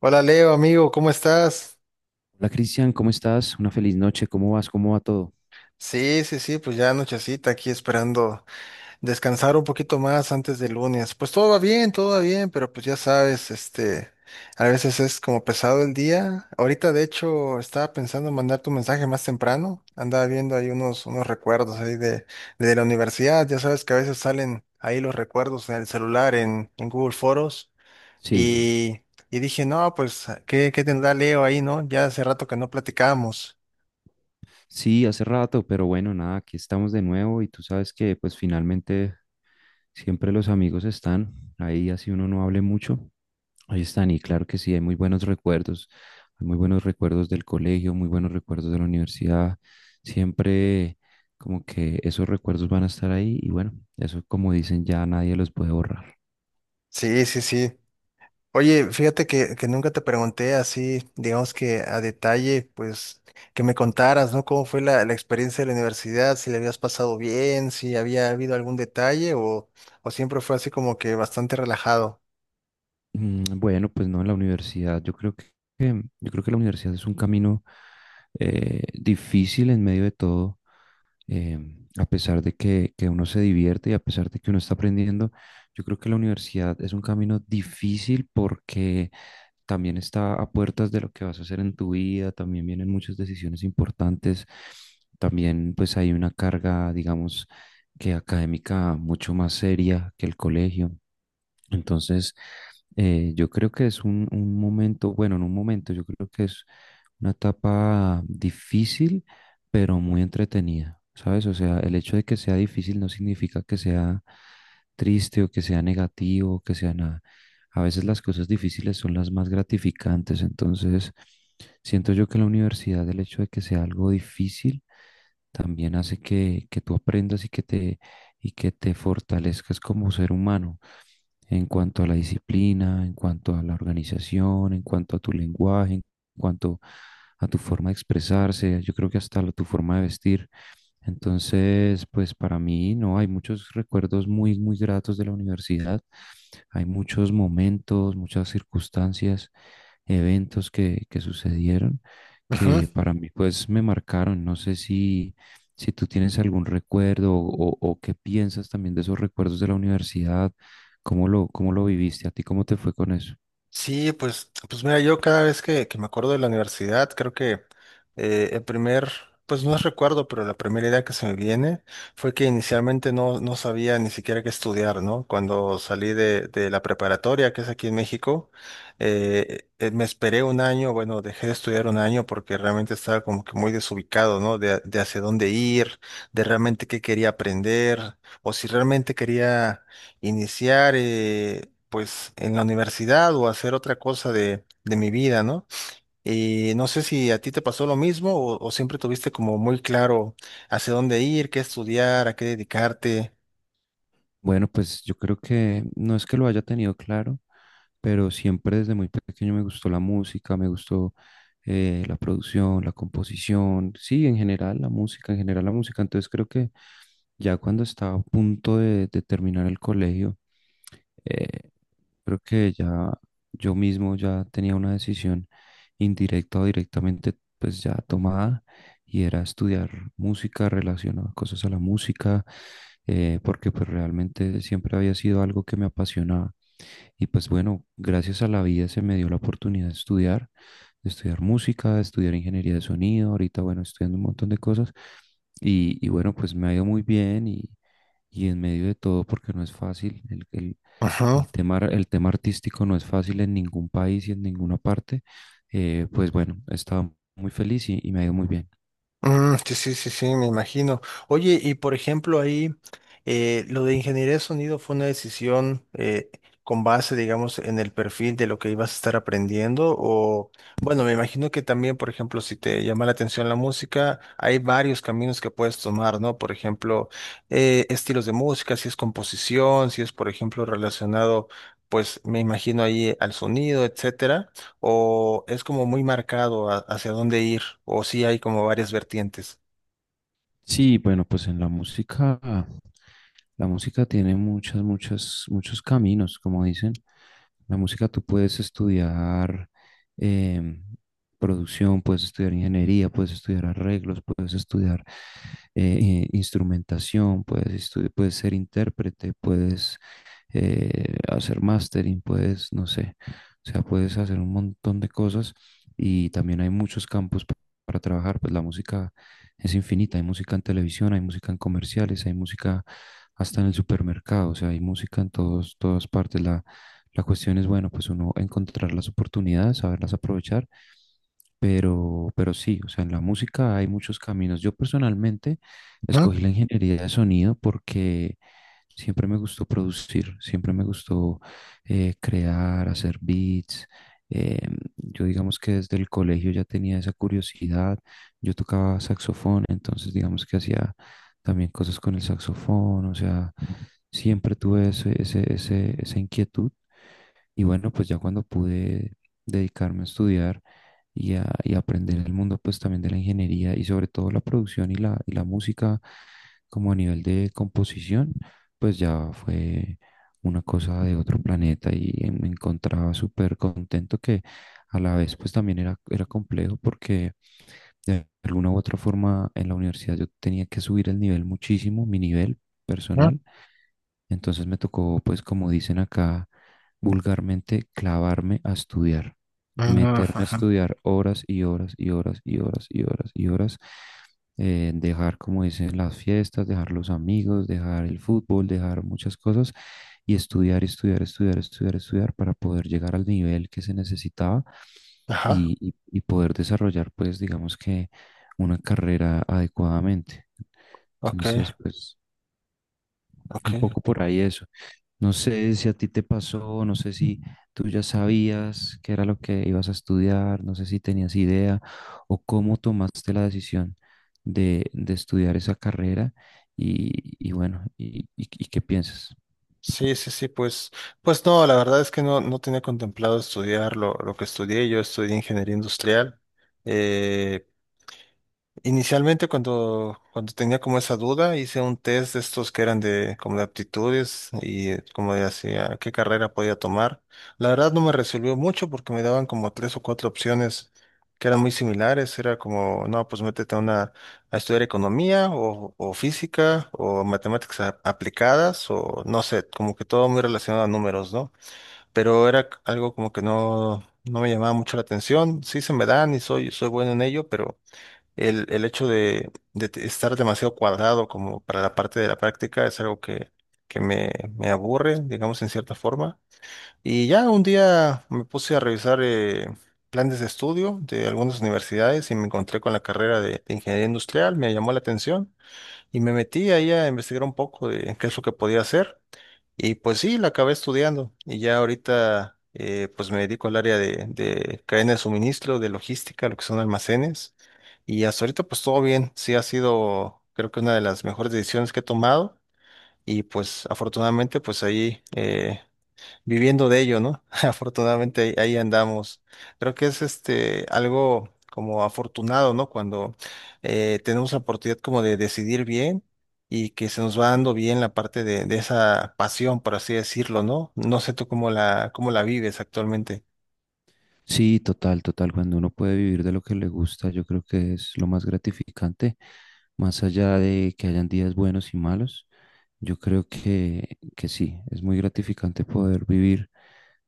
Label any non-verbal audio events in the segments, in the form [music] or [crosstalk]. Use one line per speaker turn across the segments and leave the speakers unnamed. Hola Leo, amigo, ¿cómo estás?
Hola Cristian, ¿cómo estás? Una feliz noche, ¿cómo vas? ¿Cómo va todo?
Sí, sí, sí, pues ya anochecita aquí esperando descansar un poquito más antes del lunes. Pues todo va bien, pero pues ya sabes, a veces es como pesado el día. Ahorita de hecho estaba pensando en mandar tu mensaje más temprano. Andaba viendo ahí unos recuerdos ahí de la universidad. Ya sabes que a veces salen ahí los recuerdos en el celular, en Google Foros.
Sí,
Y, y dije, no, pues, ¿qué tendrá Leo ahí, ¿no? Ya hace rato que no platicamos.
sí, hace rato, pero bueno, nada, aquí estamos de nuevo y tú sabes que pues finalmente siempre los amigos están ahí, así uno no hable mucho, ahí están y claro que sí, hay muy buenos recuerdos, hay muy buenos recuerdos del colegio, muy buenos recuerdos de la universidad, siempre como que esos recuerdos van a estar ahí y bueno, eso como dicen ya nadie los puede borrar.
Sí, sí, sí. Oye, fíjate que nunca te pregunté así, digamos que a detalle, pues que me contaras, ¿no? ¿Cómo fue la experiencia de la universidad? Si le habías pasado bien, si había habido algún detalle o siempre fue así como que bastante relajado.
Bueno, pues no, en la universidad. Yo creo que la universidad es un camino difícil en medio de todo, eh, a pesar de que uno se divierte y a pesar de que uno está aprendiendo. Yo creo que la universidad es un camino difícil porque también está a puertas de lo que vas a hacer en tu vida, también vienen muchas decisiones importantes, también pues hay una carga, digamos, que académica mucho más seria que el colegio. Entonces, yo creo que es un momento, bueno, en un momento, yo creo que es una etapa difícil, pero muy entretenida, ¿sabes? O sea, el hecho de que sea difícil no significa que sea triste o que sea negativo o que sea nada. A veces las cosas difíciles son las más gratificantes, entonces siento yo que en la universidad el hecho de que sea algo difícil también hace que tú aprendas y que te fortalezcas como ser humano en cuanto a la disciplina, en cuanto a la organización, en cuanto a tu lenguaje, en cuanto a tu forma de expresarse, yo creo que hasta tu forma de vestir. Entonces, pues para mí, no, hay muchos recuerdos muy, muy gratos de la universidad. Hay muchos momentos, muchas circunstancias, eventos que sucedieron que para mí, pues me marcaron. No sé si tú tienes algún recuerdo o qué piensas también de esos recuerdos de la universidad. ¿Cómo lo viviste? ¿A ti cómo te fue con eso?
Sí, pues mira, yo cada vez que me acuerdo de la universidad, creo que eh, el primer, pues no es recuerdo, pero la primera idea que se me viene fue que inicialmente no sabía ni siquiera qué estudiar, ¿no? Cuando salí de la preparatoria, que es aquí en México, me esperé un año, bueno, dejé de estudiar un año porque realmente estaba como que muy desubicado, ¿no? De hacia dónde ir, de realmente qué quería aprender, o si realmente quería iniciar pues en la universidad o hacer otra cosa de mi vida, ¿no? Y no sé si a ti te pasó lo mismo o siempre tuviste como muy claro hacia dónde ir, qué estudiar, a qué dedicarte.
Bueno, pues yo creo que no es que lo haya tenido claro, pero siempre desde muy pequeño me gustó la música, me gustó la producción, la composición, sí, en general la música, en general la música. Entonces creo que ya cuando estaba a punto de terminar el colegio, eh, creo que ya yo mismo ya tenía una decisión indirecta o directamente pues ya tomada y era estudiar música relacionada cosas a la música porque pues realmente siempre había sido algo que me apasionaba y pues bueno, gracias a la vida se me dio la oportunidad de estudiar música, de estudiar ingeniería de sonido, ahorita bueno, estudiando un montón de cosas y bueno, pues me ha ido muy bien y en medio de todo, porque no es fácil,
Ujú.
el tema artístico no es fácil en ningún país y en ninguna parte, pues bueno, he estado muy feliz y me ha ido muy bien.
Mm, sí, sí, sí, sí, me imagino. Oye, y por ejemplo ahí, lo de ingeniería de sonido fue una decisión con base, digamos, en el perfil de lo que ibas a estar aprendiendo o, bueno, me imagino que también, por ejemplo, si te llama la atención la música, hay varios caminos que puedes tomar, ¿no? Por ejemplo, estilos de música, si es composición, si es, por ejemplo, relacionado, pues, me imagino ahí al sonido, etcétera, o es como muy marcado hacia dónde ir, o sí hay como varias vertientes.
Sí, bueno, pues en la música. La música tiene muchas, muchas, muchos caminos, como dicen. La música tú puedes estudiar em, producción, puedes estudiar ingeniería, puedes estudiar arreglos, puedes estudiar instrumentación, puedes ser intérprete, puedes hacer mastering, puedes, no sé, o sea, puedes hacer un montón de cosas y también hay muchos campos para trabajar, pues la música es infinita. Hay música en televisión, hay música en comerciales, hay música hasta en el supermercado, o sea, hay música en todas partes. La cuestión es, bueno, pues uno encontrar las oportunidades, saberlas aprovechar pero sí, o sea, en la música hay muchos caminos. Yo personalmente
Ujú,
escogí la ingeniería de sonido porque siempre me gustó producir, siempre me gustó crear, hacer beats. Eh, yo digamos que desde el colegio ya tenía esa curiosidad. Yo tocaba saxofón, entonces digamos que hacía también cosas con el saxofón, o sea, siempre tuve esa inquietud. Y bueno, pues ya cuando pude dedicarme a estudiar y a aprender el mundo, pues también de la ingeniería y sobre todo la producción y la música, como a nivel de composición, pues ya fue una cosa de otro planeta y me encontraba súper contento que a la vez pues también era complejo porque de alguna u otra forma en la universidad yo tenía que subir el nivel muchísimo, mi nivel
ujú,
personal. Entonces me tocó, pues como dicen acá vulgarmente, clavarme a estudiar,
ujú,
meterme a
ujú.
estudiar horas y horas y horas y horas y horas y horas, dejar, como dicen, las fiestas, dejar los amigos, dejar el fútbol, dejar muchas cosas y estudiar, estudiar, estudiar, estudiar, estudiar para poder llegar al nivel que se necesitaba
Ajá,
y poder desarrollar, pues, digamos que una carrera adecuadamente.
ok,
Entonces, pues, un
ok.
poco por ahí eso. No sé si a ti te pasó, no sé si tú ya sabías qué era lo que ibas a estudiar, no sé si tenías idea o cómo tomaste la decisión de estudiar esa carrera y bueno, y qué piensas.
Sí, sí, sí, pues no, la verdad es que no tenía contemplado estudiar lo que estudié. Yo estudié ingeniería industrial. Eh, Inicialmente cuando tenía como esa duda, hice un test de estos que eran de como de aptitudes y como de hacia qué carrera podía tomar. La verdad no me resolvió mucho porque me daban como tres o cuatro opciones que eran muy similares. Era como, no, pues métete a estudiar economía o física o matemáticas aplicadas o no sé, como que todo muy relacionado a números, ¿no? Pero era algo como que no me llamaba mucho la atención. Sí se me dan y soy bueno en ello, pero el hecho de estar demasiado cuadrado como para la parte de la práctica es algo que me aburre, digamos, en cierta forma. Y ya un día me puse a revisar planes de estudio de algunas universidades y me encontré con la carrera de ingeniería industrial, me llamó la atención y me metí ahí a investigar un poco de qué es lo que podía hacer. Y pues sí, la acabé estudiando y ya ahorita pues me dedico al área de cadena de suministro, de logística, lo que son almacenes. Y hasta ahorita pues todo bien, sí ha sido creo que una de las mejores decisiones que he tomado y pues afortunadamente pues ahí viviendo de ello, ¿no? [laughs] Afortunadamente ahí andamos. Creo que es algo como afortunado, ¿no? Cuando tenemos la oportunidad como de decidir bien y que se nos va dando bien la parte de esa pasión, por así decirlo, ¿no? No sé tú cómo cómo la vives actualmente.
Sí, total, total. Cuando uno puede vivir de lo que le gusta, yo creo que es lo más gratificante, más allá de que hayan días buenos y malos. Yo creo que sí, es muy gratificante poder vivir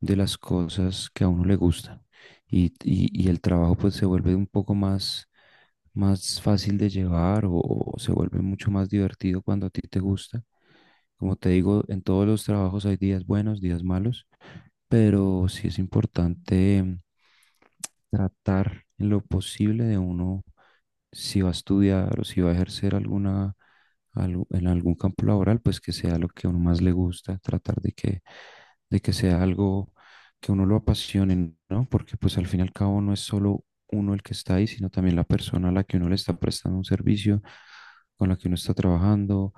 de las cosas que a uno le gustan. Y el trabajo pues se vuelve un poco más fácil de llevar o se vuelve mucho más divertido cuando a ti te gusta. Como te digo, en todos los trabajos hay días buenos, días malos, pero sí es importante tratar en lo posible de uno, si va a estudiar o si va a ejercer en algún campo laboral, pues que sea lo que a uno más le gusta, tratar de que sea algo que a uno lo apasione, ¿no? Porque pues al fin y al cabo no es solo uno el que está ahí, sino también la persona a la que uno le está prestando un servicio, con la que uno está trabajando,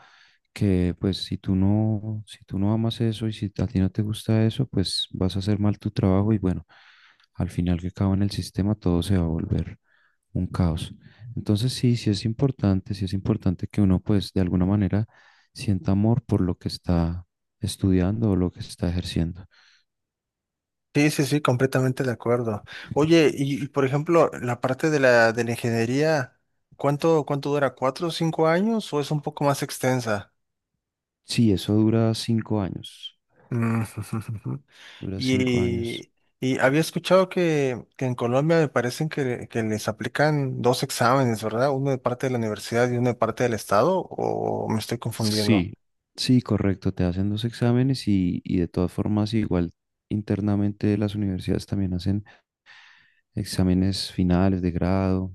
que pues si tú no, si tú no amas eso y si a ti no te gusta eso, pues vas a hacer mal tu trabajo y bueno, al final que acaba en el sistema todo se va a volver un caos. Entonces sí, sí es importante que uno pues de alguna manera sienta amor por lo que está estudiando o lo que está ejerciendo.
Sí, sí, sí, completamente de acuerdo. Oye, por ejemplo, la parte de la ingeniería, ¿cuánto dura? ¿4 o 5 años o es un poco más extensa?
Sí, eso dura 5 años,
Mm, [laughs]
dura 5 años.
Y, y había escuchado que en Colombia me parecen que les aplican dos exámenes, ¿verdad? Uno de parte de la universidad y uno de parte del estado, ¿o me estoy confundiendo?
Sí, sí, correcto, te hacen dos exámenes y de todas formas igual internamente las universidades también hacen exámenes finales de grado,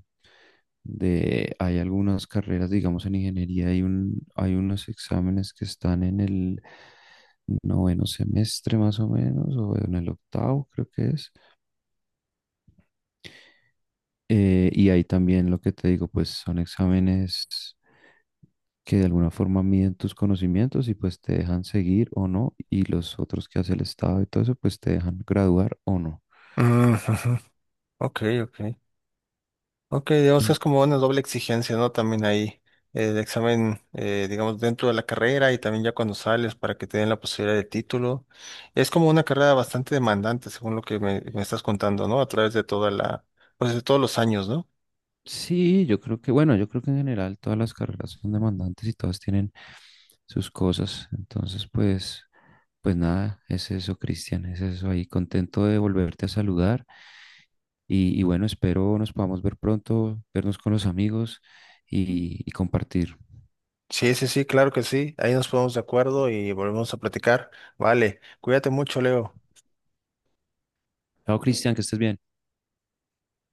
de, hay algunas carreras, digamos, en ingeniería, hay unos exámenes que están en el noveno semestre más o menos, o en el octavo creo que es. Y ahí también lo que te digo, pues son exámenes que de alguna forma miden tus conocimientos y pues te dejan seguir o no, y los otros que hace el Estado y todo eso, pues te dejan graduar o no.
Mm, ujú. Ok, ok. Ok, digamos que
En-
es como una doble exigencia, ¿no? También ahí el examen, digamos, dentro de la carrera y también ya cuando sales para que te den la posibilidad de título. Es como una carrera bastante demandante, según lo que me estás contando, ¿no? A través de pues de todos los años, ¿no?
Sí, yo creo que, bueno, yo creo que en general todas las carreras son demandantes y todas tienen sus cosas. Entonces, pues, pues nada, es eso, Cristian, es eso ahí. Contento de volverte a saludar y bueno, espero nos podamos ver pronto, vernos con los amigos y compartir.
Sí, sí, sí, claro que sí. Ahí nos ponemos de acuerdo y volvemos a platicar. Vale, cuídate mucho, Leo.
Chao, Cristian, que estés bien.